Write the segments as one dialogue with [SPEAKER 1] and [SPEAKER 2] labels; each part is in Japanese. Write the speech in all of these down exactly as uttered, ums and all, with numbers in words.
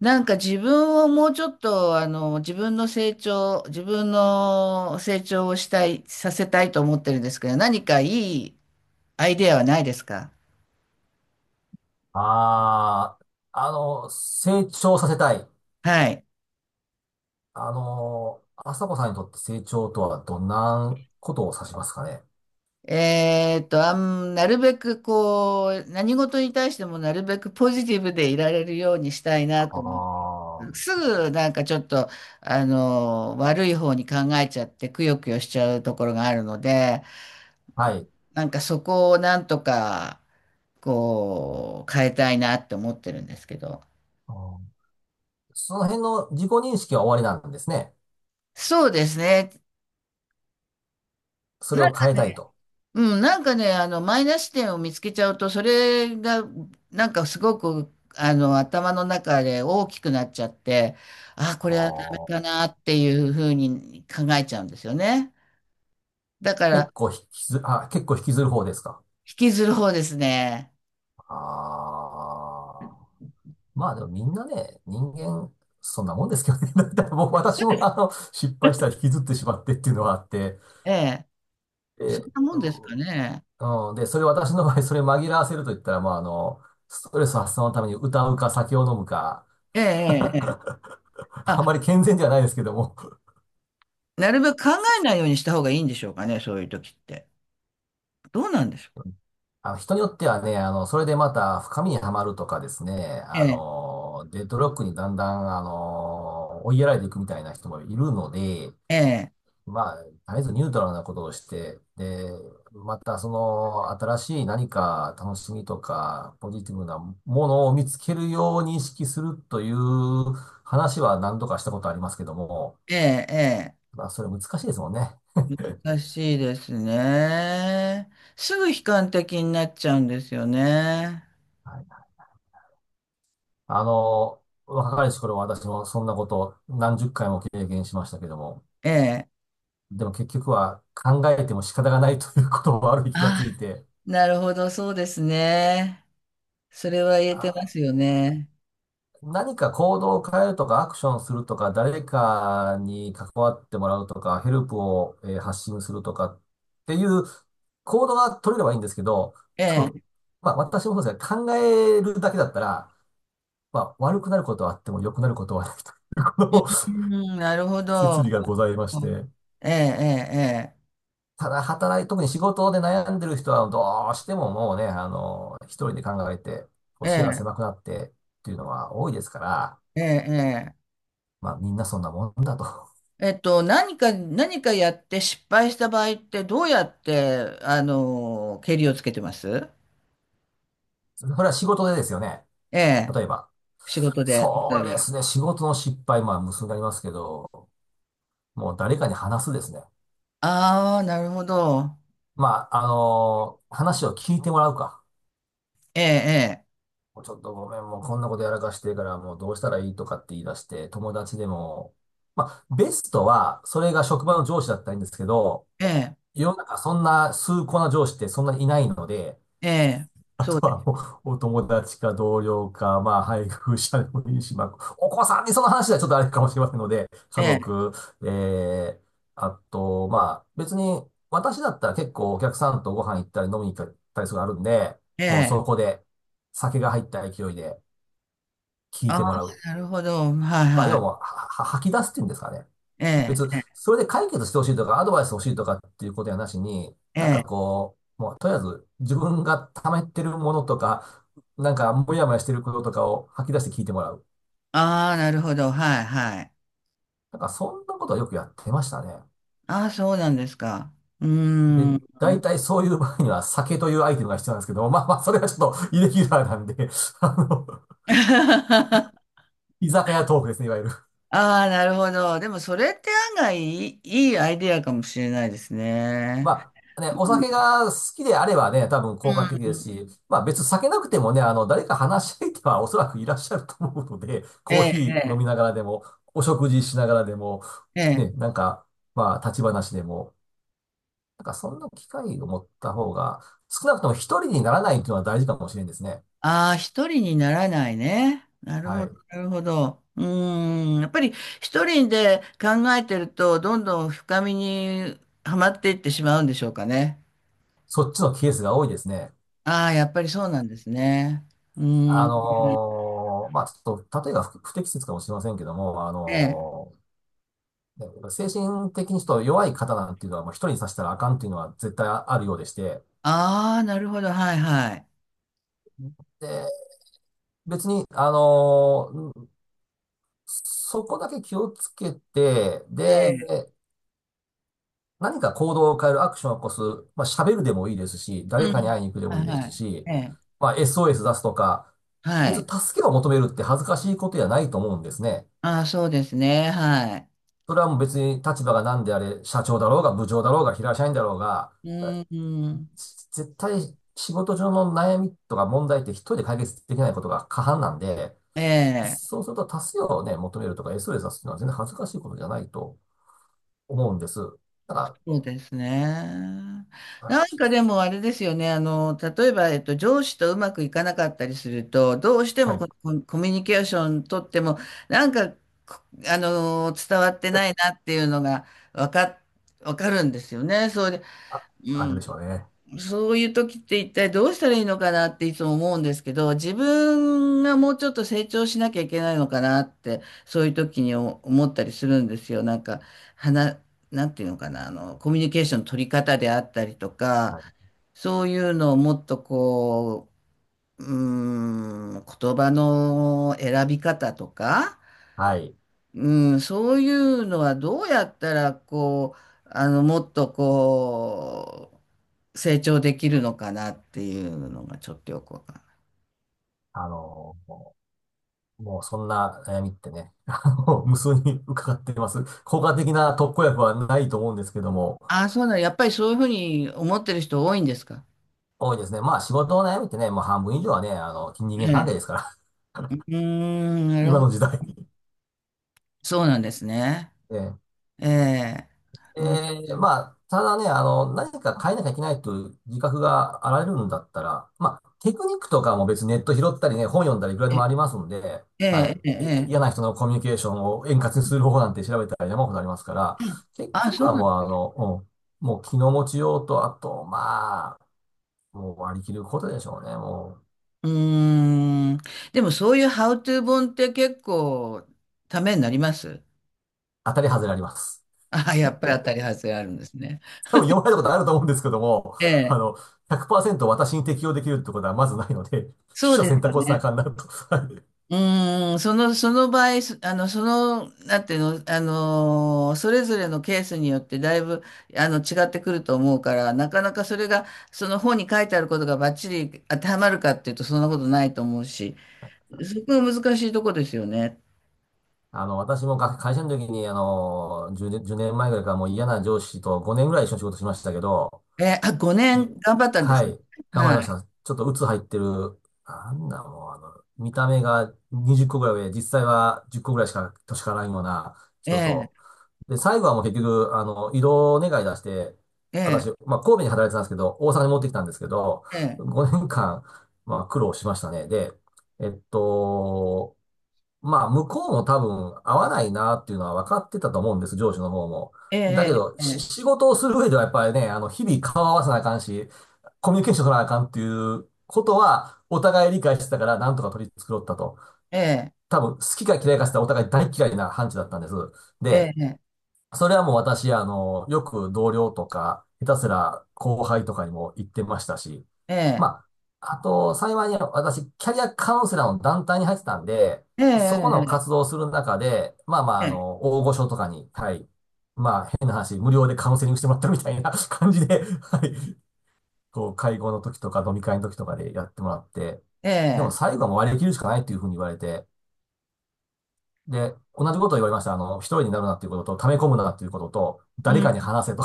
[SPEAKER 1] なんか自分をもうちょっと、あの、自分の成長、自分の成長をしたい、させたいと思ってるんですけど、何かいいアイデアはないですか。
[SPEAKER 2] ああ、あの、成長させたい。
[SPEAKER 1] はい。
[SPEAKER 2] あの、朝子さんにとって成長とはどんなことを指しますかね。
[SPEAKER 1] えーっと、あん、なるべくこう、何事に対してもなるべくポジティブでいられるようにしたい
[SPEAKER 2] あ
[SPEAKER 1] なと思って、す
[SPEAKER 2] あ、
[SPEAKER 1] ぐなんかちょっと、あの、悪い方に考えちゃって、くよくよしちゃうところがあるので、
[SPEAKER 2] はい。
[SPEAKER 1] なんかそこをなんとか、こう、変えたいなって思ってるんですけど。
[SPEAKER 2] あー、その辺の自己認識は終わりなんですね。
[SPEAKER 1] そうですね。
[SPEAKER 2] それ
[SPEAKER 1] なん
[SPEAKER 2] を
[SPEAKER 1] か
[SPEAKER 2] 変え
[SPEAKER 1] ね、
[SPEAKER 2] たいと。
[SPEAKER 1] うん、なんかね、あの、マイナス点を見つけちゃうと、それが、なんかすごく、あの、頭の中で大きくなっちゃって、あ、こ
[SPEAKER 2] あ
[SPEAKER 1] れはダメか
[SPEAKER 2] ー、
[SPEAKER 1] なっていうふうに考えちゃうんですよね。だか
[SPEAKER 2] 結
[SPEAKER 1] ら、
[SPEAKER 2] 構引きず、あ、結構引きずる方ですか。
[SPEAKER 1] 引きずる方ですね。
[SPEAKER 2] ああ、まあでもみんなね、人間、そんなもんですけどね。だって僕、私もあの、失敗したら引きずってしまってっていうのはあって、
[SPEAKER 1] ええ。そんな
[SPEAKER 2] え
[SPEAKER 1] もんですかね。
[SPEAKER 2] うん、で、それ私の場合、それ紛らわせると言ったら、まあ、あの、ストレス発散のために歌うか酒を飲むか、
[SPEAKER 1] ええ、ええ。ええ、あ、
[SPEAKER 2] あんまり健全ではないですけども、
[SPEAKER 1] なるべく考えないようにした方がいいんでしょうかね、そういう時って。どうなんでしょう。
[SPEAKER 2] あの、人によってはね、あの、それでまた深みにはまるとかですね、
[SPEAKER 1] え
[SPEAKER 2] あ
[SPEAKER 1] え、
[SPEAKER 2] の、デッドロックにだんだん、あの、追いやられていくみたいな人もいるので、
[SPEAKER 1] ええ。
[SPEAKER 2] まあ、とりあえずニュートラルなことをして、で、またその新しい何か楽しみとかポジティブなものを見つけるように意識するという話は何度かしたことありますけども、
[SPEAKER 1] ええ、え
[SPEAKER 2] まあそれ難しいですもんね。
[SPEAKER 1] え、難しいですね。すぐ悲観的になっちゃうんですよね。
[SPEAKER 2] はい、あの、若かりし頃は私もそんなことなんじゅっかいも経験しましたけども、
[SPEAKER 1] ええ。
[SPEAKER 2] でも結局は考えても仕方がないということを悪い気が
[SPEAKER 1] あ
[SPEAKER 2] つい
[SPEAKER 1] あ、
[SPEAKER 2] て、
[SPEAKER 1] なるほど、そうですね。それは言えてま
[SPEAKER 2] あ
[SPEAKER 1] すよね。
[SPEAKER 2] 何か行動を変えるとか、アクションするとか、誰かに関わってもらうとか、ヘルプを、えー発信するとかっていう行動が取れればいいんですけど、
[SPEAKER 1] え
[SPEAKER 2] 多分、
[SPEAKER 1] え。
[SPEAKER 2] まあ私もそうですが、考えるだけだったら、まあ悪くなることはあっても良くなることはないというこの
[SPEAKER 1] うん、なるほ
[SPEAKER 2] 説理
[SPEAKER 1] ど。
[SPEAKER 2] がございまして、
[SPEAKER 1] ええ、
[SPEAKER 2] ただ働い、特に仕事で悩んでる人はどうしてももうね、あの、一人で考えて、こ
[SPEAKER 1] え
[SPEAKER 2] う
[SPEAKER 1] え、
[SPEAKER 2] 視野が
[SPEAKER 1] え
[SPEAKER 2] 狭
[SPEAKER 1] え、
[SPEAKER 2] くなってっていうのは多いですから、
[SPEAKER 1] ええ、ええ。
[SPEAKER 2] まあみんなそんなもんだと。
[SPEAKER 1] えっと、何か、何かやって失敗した場合ってどうやって、あの、ケリをつけてます。
[SPEAKER 2] それは仕事でですよね。
[SPEAKER 1] ええ、
[SPEAKER 2] 例えば。
[SPEAKER 1] 仕事で。
[SPEAKER 2] そう
[SPEAKER 1] 例え
[SPEAKER 2] で
[SPEAKER 1] ば。
[SPEAKER 2] すね。仕事の失敗、まあ、無数になりますけど、もう誰かに話すですね。
[SPEAKER 1] ああ、なるほど。
[SPEAKER 2] まあ、あのー話を聞いてもらうか。
[SPEAKER 1] ええ、
[SPEAKER 2] もうちょっとごめん、もうこんなことやらかしてるから、もうどうしたらいいとかって言い出して、友達でも、まあ、ベストは、それが職場の上司だったらいいんですけど、
[SPEAKER 1] ええ、
[SPEAKER 2] 世の中そんな崇高な上司ってそんなにいないので、
[SPEAKER 1] ええ、ええ、
[SPEAKER 2] あ
[SPEAKER 1] そう
[SPEAKER 2] と
[SPEAKER 1] です。
[SPEAKER 2] はもう、お友達か同僚か、まあ、配偶者でもいいし、まあ、お子さんにその話はちょっとあれかもしれませんので、
[SPEAKER 1] え
[SPEAKER 2] 家
[SPEAKER 1] え、
[SPEAKER 2] 族、ええ、あと、まあ、別に、私だったら結構お客さんとご飯行ったり飲みに行ったりするのあるんで、
[SPEAKER 1] え
[SPEAKER 2] もうそ
[SPEAKER 1] え、
[SPEAKER 2] こで酒が入った勢いで聞い
[SPEAKER 1] ああ、
[SPEAKER 2] てもらう。
[SPEAKER 1] なるほど。はい
[SPEAKER 2] まあ、
[SPEAKER 1] は
[SPEAKER 2] 要
[SPEAKER 1] い。
[SPEAKER 2] は、は、は吐き出すっていうんですかね。
[SPEAKER 1] ええ、
[SPEAKER 2] 別、
[SPEAKER 1] ええ、
[SPEAKER 2] それで解決してほしいとか、アドバイス欲しいとかっていうことやなしに、
[SPEAKER 1] え
[SPEAKER 2] なんか
[SPEAKER 1] え、
[SPEAKER 2] こう、もうとりあえず自分が溜めてるものとか、なんかモヤモヤしてることとかを吐き出して聞いてもらう。
[SPEAKER 1] ああ、なるほど。はいはい。
[SPEAKER 2] なんかそんなことはよくやってましたね。
[SPEAKER 1] ああ、そうなんですか。うー
[SPEAKER 2] で、
[SPEAKER 1] ん。
[SPEAKER 2] 大体そういう場合には酒というアイテムが必要なんですけど、まあまあ、それはちょっとイレギュラーなんで、あの、
[SPEAKER 1] あ
[SPEAKER 2] 居酒屋トークですね、いわゆる。
[SPEAKER 1] あ、なるほど。でも、それって案外いい、いいアイディアかもしれないですね。
[SPEAKER 2] まあね、
[SPEAKER 1] う
[SPEAKER 2] お酒が好きであればね、多分効
[SPEAKER 1] ん。
[SPEAKER 2] 果的ですし、まあ別に酒なくてもね、あの、誰か話し相手はおそらくいらっしゃると思うので、
[SPEAKER 1] え
[SPEAKER 2] コー
[SPEAKER 1] え、
[SPEAKER 2] ヒー飲
[SPEAKER 1] え
[SPEAKER 2] みながらでも、お食事しながらでも、
[SPEAKER 1] え、え
[SPEAKER 2] ね、
[SPEAKER 1] え、
[SPEAKER 2] なんか、まあ立ち話でも、なんかそんな機会を持った方が、少なくとも一人にならないというのは大事かもしれんですね。
[SPEAKER 1] ああ、一人にならないね。なる
[SPEAKER 2] は
[SPEAKER 1] ほど、
[SPEAKER 2] い。
[SPEAKER 1] なるほど。うーん、やっぱり一人で考えてると、どんどん深みにはまっていってしまうんでしょうかね。
[SPEAKER 2] そっちのケースが多いですね。
[SPEAKER 1] ああ、やっぱりそうなんですね。うー
[SPEAKER 2] あ
[SPEAKER 1] ん。
[SPEAKER 2] のーまあちょっと、例えが不不適切かもしれませんけども、あ
[SPEAKER 1] ええ。
[SPEAKER 2] のーね、やっぱ精神的にちょっと弱い方なんていうのは、もう一人にさせたらあかんっていうのは絶対あるようでして、
[SPEAKER 1] ああ、なるほど、はいはい。
[SPEAKER 2] で、別に、あのーそこだけ気をつけて、
[SPEAKER 1] ええ。
[SPEAKER 2] で、何か行動を変えるアクションを起こす、まあ、喋るでもいいですし、
[SPEAKER 1] う
[SPEAKER 2] 誰
[SPEAKER 1] ん。
[SPEAKER 2] かに会いに行くで
[SPEAKER 1] はい
[SPEAKER 2] もいいで
[SPEAKER 1] は
[SPEAKER 2] す
[SPEAKER 1] い。
[SPEAKER 2] し、
[SPEAKER 1] ええ。
[SPEAKER 2] まあ、エスオーエス 出すとか、
[SPEAKER 1] は
[SPEAKER 2] 別
[SPEAKER 1] い。
[SPEAKER 2] に助けを求めるって恥ずかしいことじゃないと思うんですね。
[SPEAKER 1] ああ、そうですね。はい。
[SPEAKER 2] それはもう別に立場が何であれ、社長だろうが部長だろうが平社員だろうが、
[SPEAKER 1] う
[SPEAKER 2] え
[SPEAKER 1] ーん。
[SPEAKER 2] 絶対仕事上の悩みとか問題って一人で解決できないことが過半なんで、
[SPEAKER 1] ええ。
[SPEAKER 2] そうすると多数をね、求めるとか エスオーエス 出すっていうのは全然恥ずかしいことじゃないと思うんです。だか
[SPEAKER 1] そうですね。
[SPEAKER 2] ら、はい、
[SPEAKER 1] なんかでもあれですよね。あの、例えば、えっと、上司とうまくいかなかったりすると、どうして
[SPEAKER 2] は
[SPEAKER 1] も
[SPEAKER 2] い、
[SPEAKER 1] ここコミュニケーション取っても、なんか、こあの、伝わってないなっていうのが分か、わかるんですよね。それで、
[SPEAKER 2] あ、
[SPEAKER 1] う
[SPEAKER 2] あれでしょう
[SPEAKER 1] ん。
[SPEAKER 2] ね。
[SPEAKER 1] そういう時って一体どうしたらいいのかなっていつも思うんですけど、自分がもうちょっと成長しなきゃいけないのかなって、そういう時に思思ったりするんですよ。なんか、はな、なんていうのかな、あの、コミュニケーションの取り方であったりとか、
[SPEAKER 2] はい。
[SPEAKER 1] そういうのをもっとこう、うーん、言葉の選び方とか、
[SPEAKER 2] はい。
[SPEAKER 1] うん、そういうのはどうやったら、こう、あの、もっとこう、成長できるのかなっていうのがちょっとよくわかんない。
[SPEAKER 2] あのもう、もうそんな悩みってね、あの、無数に伺っています。効果的な特効薬はないと思うんですけども、
[SPEAKER 1] ああ、そうなの。やっぱりそういうふうに思ってる人多いんですか。
[SPEAKER 2] 多いですね。まあ仕事の悩みってね、もう半分以上はね、あの、人
[SPEAKER 1] え
[SPEAKER 2] 間関
[SPEAKER 1] え。
[SPEAKER 2] 係ですから、
[SPEAKER 1] うーん、なる
[SPEAKER 2] 今
[SPEAKER 1] ほ
[SPEAKER 2] の
[SPEAKER 1] ど。
[SPEAKER 2] 時代。
[SPEAKER 1] そうなんですね。
[SPEAKER 2] ええ、
[SPEAKER 1] ええ。
[SPEAKER 2] ええ、まあ、ただね、あの、何か変えなきゃいけないという自覚があられるんだったら、まあ、テクニックとかも別にネット拾ったりね、本読んだりいくらでも
[SPEAKER 1] え
[SPEAKER 2] ありますんで、
[SPEAKER 1] え、
[SPEAKER 2] はい。
[SPEAKER 1] ええ、え
[SPEAKER 2] え嫌
[SPEAKER 1] え。
[SPEAKER 2] な人のコミュニケーションを円滑にする方法なんて調べたら山ほどありますから、結
[SPEAKER 1] あ、
[SPEAKER 2] 局
[SPEAKER 1] そう
[SPEAKER 2] は
[SPEAKER 1] な
[SPEAKER 2] も
[SPEAKER 1] の。
[SPEAKER 2] うあの、うんもう気の持ちようと、あと、まあ、もう割り切ることでしょうね。もう、
[SPEAKER 1] うーん。でもそういうハウトゥー本って結構ためになります。
[SPEAKER 2] 当たり外れあります。
[SPEAKER 1] ああ、やっぱり当たり外れあるんですね。
[SPEAKER 2] 多分読まれたことあると思うんですけども、
[SPEAKER 1] え
[SPEAKER 2] あ
[SPEAKER 1] え、
[SPEAKER 2] の、ひゃくパーセント私に適用できるってことはまずないので、取
[SPEAKER 1] そう
[SPEAKER 2] 捨
[SPEAKER 1] で
[SPEAKER 2] 選
[SPEAKER 1] すよ
[SPEAKER 2] 択をせな
[SPEAKER 1] ね。
[SPEAKER 2] あかんなと。
[SPEAKER 1] うーん、そのその場合そあのそのなんていうの、あのー、それぞれのケースによってだいぶあの違ってくると思うから、なかなかそれがその本に書いてあることがバッチリ当てはまるかっていうと、そんなことないと思うし、そこが難しいとこですよね。
[SPEAKER 2] あの、私もか会社の時に、あの、じゅうねん、いちねんまえぐらいからもう嫌な上司とごねんぐらい一緒に仕事しましたけど、
[SPEAKER 1] え、あ、ごね
[SPEAKER 2] うん、
[SPEAKER 1] ん頑張ったんで
[SPEAKER 2] は
[SPEAKER 1] すね。
[SPEAKER 2] い、頑張
[SPEAKER 1] は
[SPEAKER 2] りまし
[SPEAKER 1] い。
[SPEAKER 2] た。ちょっと鬱入ってる、なんだもう、あの、見た目がにじゅっこぐらい上、実際はじゅっこぐらいしか年からないような人
[SPEAKER 1] え
[SPEAKER 2] と、
[SPEAKER 1] え、
[SPEAKER 2] で、最後はもう結局、あの、異動願い出して、
[SPEAKER 1] え
[SPEAKER 2] 私、まあ、神戸に働いてたんですけど、大阪に持ってきたんですけど、
[SPEAKER 1] え、
[SPEAKER 2] ごねんかん、まあ、苦労しましたね。で、えっと、まあ、向こうも多分合わないなっていうのは分かってたと思うんです、上司の方も。だけ
[SPEAKER 1] え
[SPEAKER 2] ど、
[SPEAKER 1] え、
[SPEAKER 2] し
[SPEAKER 1] え
[SPEAKER 2] 仕
[SPEAKER 1] え、
[SPEAKER 2] 事をする上ではやっぱりね、あの、日々顔合わせなあかんし、コミュニケーション取らなあかんっていうことは、お互い理解してたから、なんとか取り繕ったと。多分、好きか嫌いかしたらお互い大嫌いな判事だったんです。
[SPEAKER 1] え
[SPEAKER 2] で、
[SPEAKER 1] え、ええ、
[SPEAKER 2] それはもう私、あの、よく同僚とか、下手すら後輩とかにも言ってましたし、
[SPEAKER 1] ええ、
[SPEAKER 2] まあ、あと、幸いに私、キャリアカウンセラーの団体に入ってたんで、
[SPEAKER 1] え
[SPEAKER 2] そこ
[SPEAKER 1] え、
[SPEAKER 2] の
[SPEAKER 1] ええ、
[SPEAKER 2] 活動をする中で、まあまあ、あの、大御所とかに、はい、まあ、変な話、無料でカウンセリングしてもらったみたいな 感じで、はい、こう、会合の時とか飲み会の時とかでやってもらって、
[SPEAKER 1] ええ、ええ、
[SPEAKER 2] で
[SPEAKER 1] え
[SPEAKER 2] も
[SPEAKER 1] え、え
[SPEAKER 2] 最後はもう割り切るしかないっていうふうに言われて、で、同じことを言われました。あの、一人になるなっていうことと、溜め込むなっていうことと、誰かに
[SPEAKER 1] え、
[SPEAKER 2] 話せと。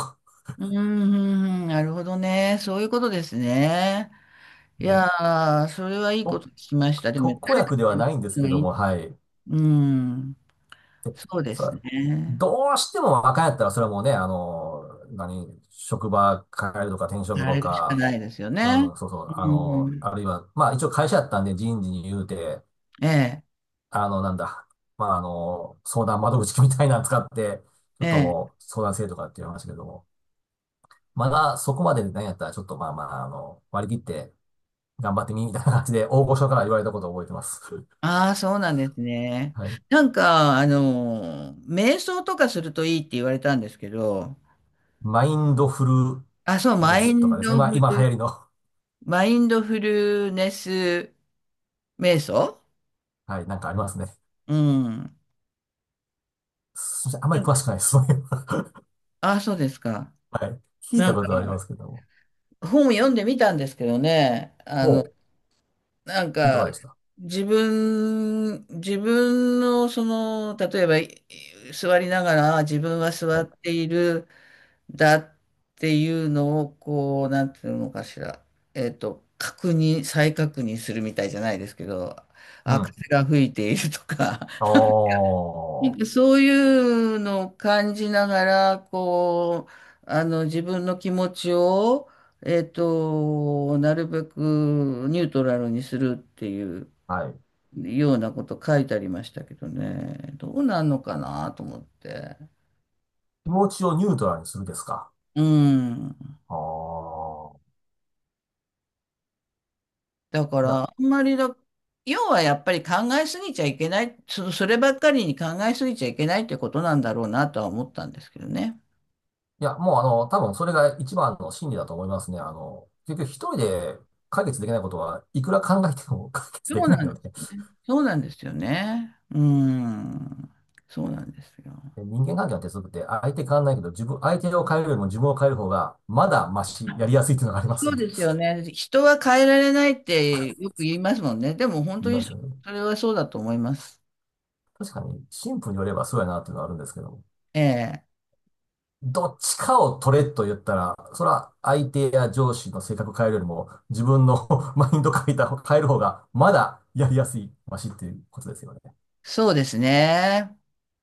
[SPEAKER 1] うん、ん、なるほどね。そういうことですね。い
[SPEAKER 2] もう
[SPEAKER 1] やー、それはいいこ
[SPEAKER 2] と
[SPEAKER 1] と聞きました。でも、
[SPEAKER 2] 特効
[SPEAKER 1] 誰か
[SPEAKER 2] 薬で
[SPEAKER 1] に
[SPEAKER 2] は
[SPEAKER 1] 話
[SPEAKER 2] ないんで
[SPEAKER 1] す
[SPEAKER 2] す
[SPEAKER 1] の
[SPEAKER 2] け
[SPEAKER 1] がい
[SPEAKER 2] ども、
[SPEAKER 1] い。
[SPEAKER 2] はい。
[SPEAKER 1] うん、そうです
[SPEAKER 2] さ、
[SPEAKER 1] ね。
[SPEAKER 2] どうしても若いやったら、それはもうね、あの、何、職場変えるとか転職
[SPEAKER 1] や
[SPEAKER 2] と
[SPEAKER 1] るしか
[SPEAKER 2] か、
[SPEAKER 1] ないですよ
[SPEAKER 2] う
[SPEAKER 1] ね。
[SPEAKER 2] ん、そうそ
[SPEAKER 1] う
[SPEAKER 2] う、あの、
[SPEAKER 1] ん、
[SPEAKER 2] あるいは、まあ一応会社やったんで人事に言うて、
[SPEAKER 1] ええ、
[SPEAKER 2] あの、なんだ、まああの、相談窓口みたいなの使って、ちょ
[SPEAKER 1] え
[SPEAKER 2] っと
[SPEAKER 1] え。
[SPEAKER 2] もう相談制とかって言いましたけども、まだそこまでで何やったら、ちょっとまあまあ、あの、割り切って頑張ってみ、みたいな感じで、大御所から言われたことを覚えてます。
[SPEAKER 1] ああ、そうなんです ね。
[SPEAKER 2] はい。
[SPEAKER 1] なんか、あの瞑想とかするといいって言われたんですけど、
[SPEAKER 2] マインドフ
[SPEAKER 1] あ、そう、
[SPEAKER 2] ルネ
[SPEAKER 1] マイ
[SPEAKER 2] スとか
[SPEAKER 1] ン
[SPEAKER 2] ですか、
[SPEAKER 1] ド
[SPEAKER 2] 今、
[SPEAKER 1] フ
[SPEAKER 2] 今流
[SPEAKER 1] ル、
[SPEAKER 2] 行りの、
[SPEAKER 1] マインドフルネス瞑想。
[SPEAKER 2] はい、なんかありますね。
[SPEAKER 1] うん。
[SPEAKER 2] そしてあんまり詳しくないです。そういうのは
[SPEAKER 1] あ、そうですか。
[SPEAKER 2] はい。聞い
[SPEAKER 1] な
[SPEAKER 2] た
[SPEAKER 1] ん
[SPEAKER 2] こ
[SPEAKER 1] か、
[SPEAKER 2] とはありますけども。
[SPEAKER 1] 本読んでみたんですけどね、
[SPEAKER 2] おう、
[SPEAKER 1] なん
[SPEAKER 2] いか
[SPEAKER 1] か、
[SPEAKER 2] がでした
[SPEAKER 1] 自分、自分の、その、例えば、い座りながら、自分は座
[SPEAKER 2] はい。
[SPEAKER 1] っている、だっていうのを、こう、なんていうのかしら、えっと、確認、再確認するみたいじゃないですけど、
[SPEAKER 2] う
[SPEAKER 1] あ、
[SPEAKER 2] ん。
[SPEAKER 1] 風が吹いているとか、
[SPEAKER 2] お
[SPEAKER 1] なん
[SPEAKER 2] ー、
[SPEAKER 1] かそういうのを感じながら、こう、あの、自分の気持ちを、えっと、なるべくニュートラルにするっていう
[SPEAKER 2] はい。
[SPEAKER 1] ようなこと書いてありましたけどね、どうなんのかなと思って。
[SPEAKER 2] 気持ちをニュートラルにするですか
[SPEAKER 1] うん。
[SPEAKER 2] あー。
[SPEAKER 1] だか
[SPEAKER 2] い
[SPEAKER 1] ら、
[SPEAKER 2] や、
[SPEAKER 1] あんまりだ、要はやっぱり考えすぎちゃいけない、そ、そればっかりに考えすぎちゃいけないってことなんだろうなとは思ったんですけどね。
[SPEAKER 2] いや、もうあの、多分それが一番の真理だと思いますね。あの、結局一人で解決できないことはいくら考えても 解決で
[SPEAKER 1] そう
[SPEAKER 2] きない
[SPEAKER 1] なんで
[SPEAKER 2] の
[SPEAKER 1] す
[SPEAKER 2] で、
[SPEAKER 1] ね。そうなんですよね。うん。そうなんですよ。
[SPEAKER 2] 人間関係の鉄則って相手変わんないけど、自分、相手を変えるよりも自分を変える方がまだマシ、やりやすいっていうのがありま
[SPEAKER 1] そ
[SPEAKER 2] す
[SPEAKER 1] う
[SPEAKER 2] んで、
[SPEAKER 1] ですよね。人は変えられないってよく言いますもんね。でも本
[SPEAKER 2] 言
[SPEAKER 1] 当
[SPEAKER 2] い
[SPEAKER 1] に
[SPEAKER 2] ま
[SPEAKER 1] そ
[SPEAKER 2] すよね。
[SPEAKER 1] それはそうだと思います。
[SPEAKER 2] 確かに、神父によればそうやなっていうのはあるんですけども、
[SPEAKER 1] ええ。
[SPEAKER 2] どっちかを取れと言ったら、それは相手や上司の性格変えるよりも、自分の マインド変えた、変える方がまだやりやすい、マシっていうことですよね。
[SPEAKER 1] そうですね。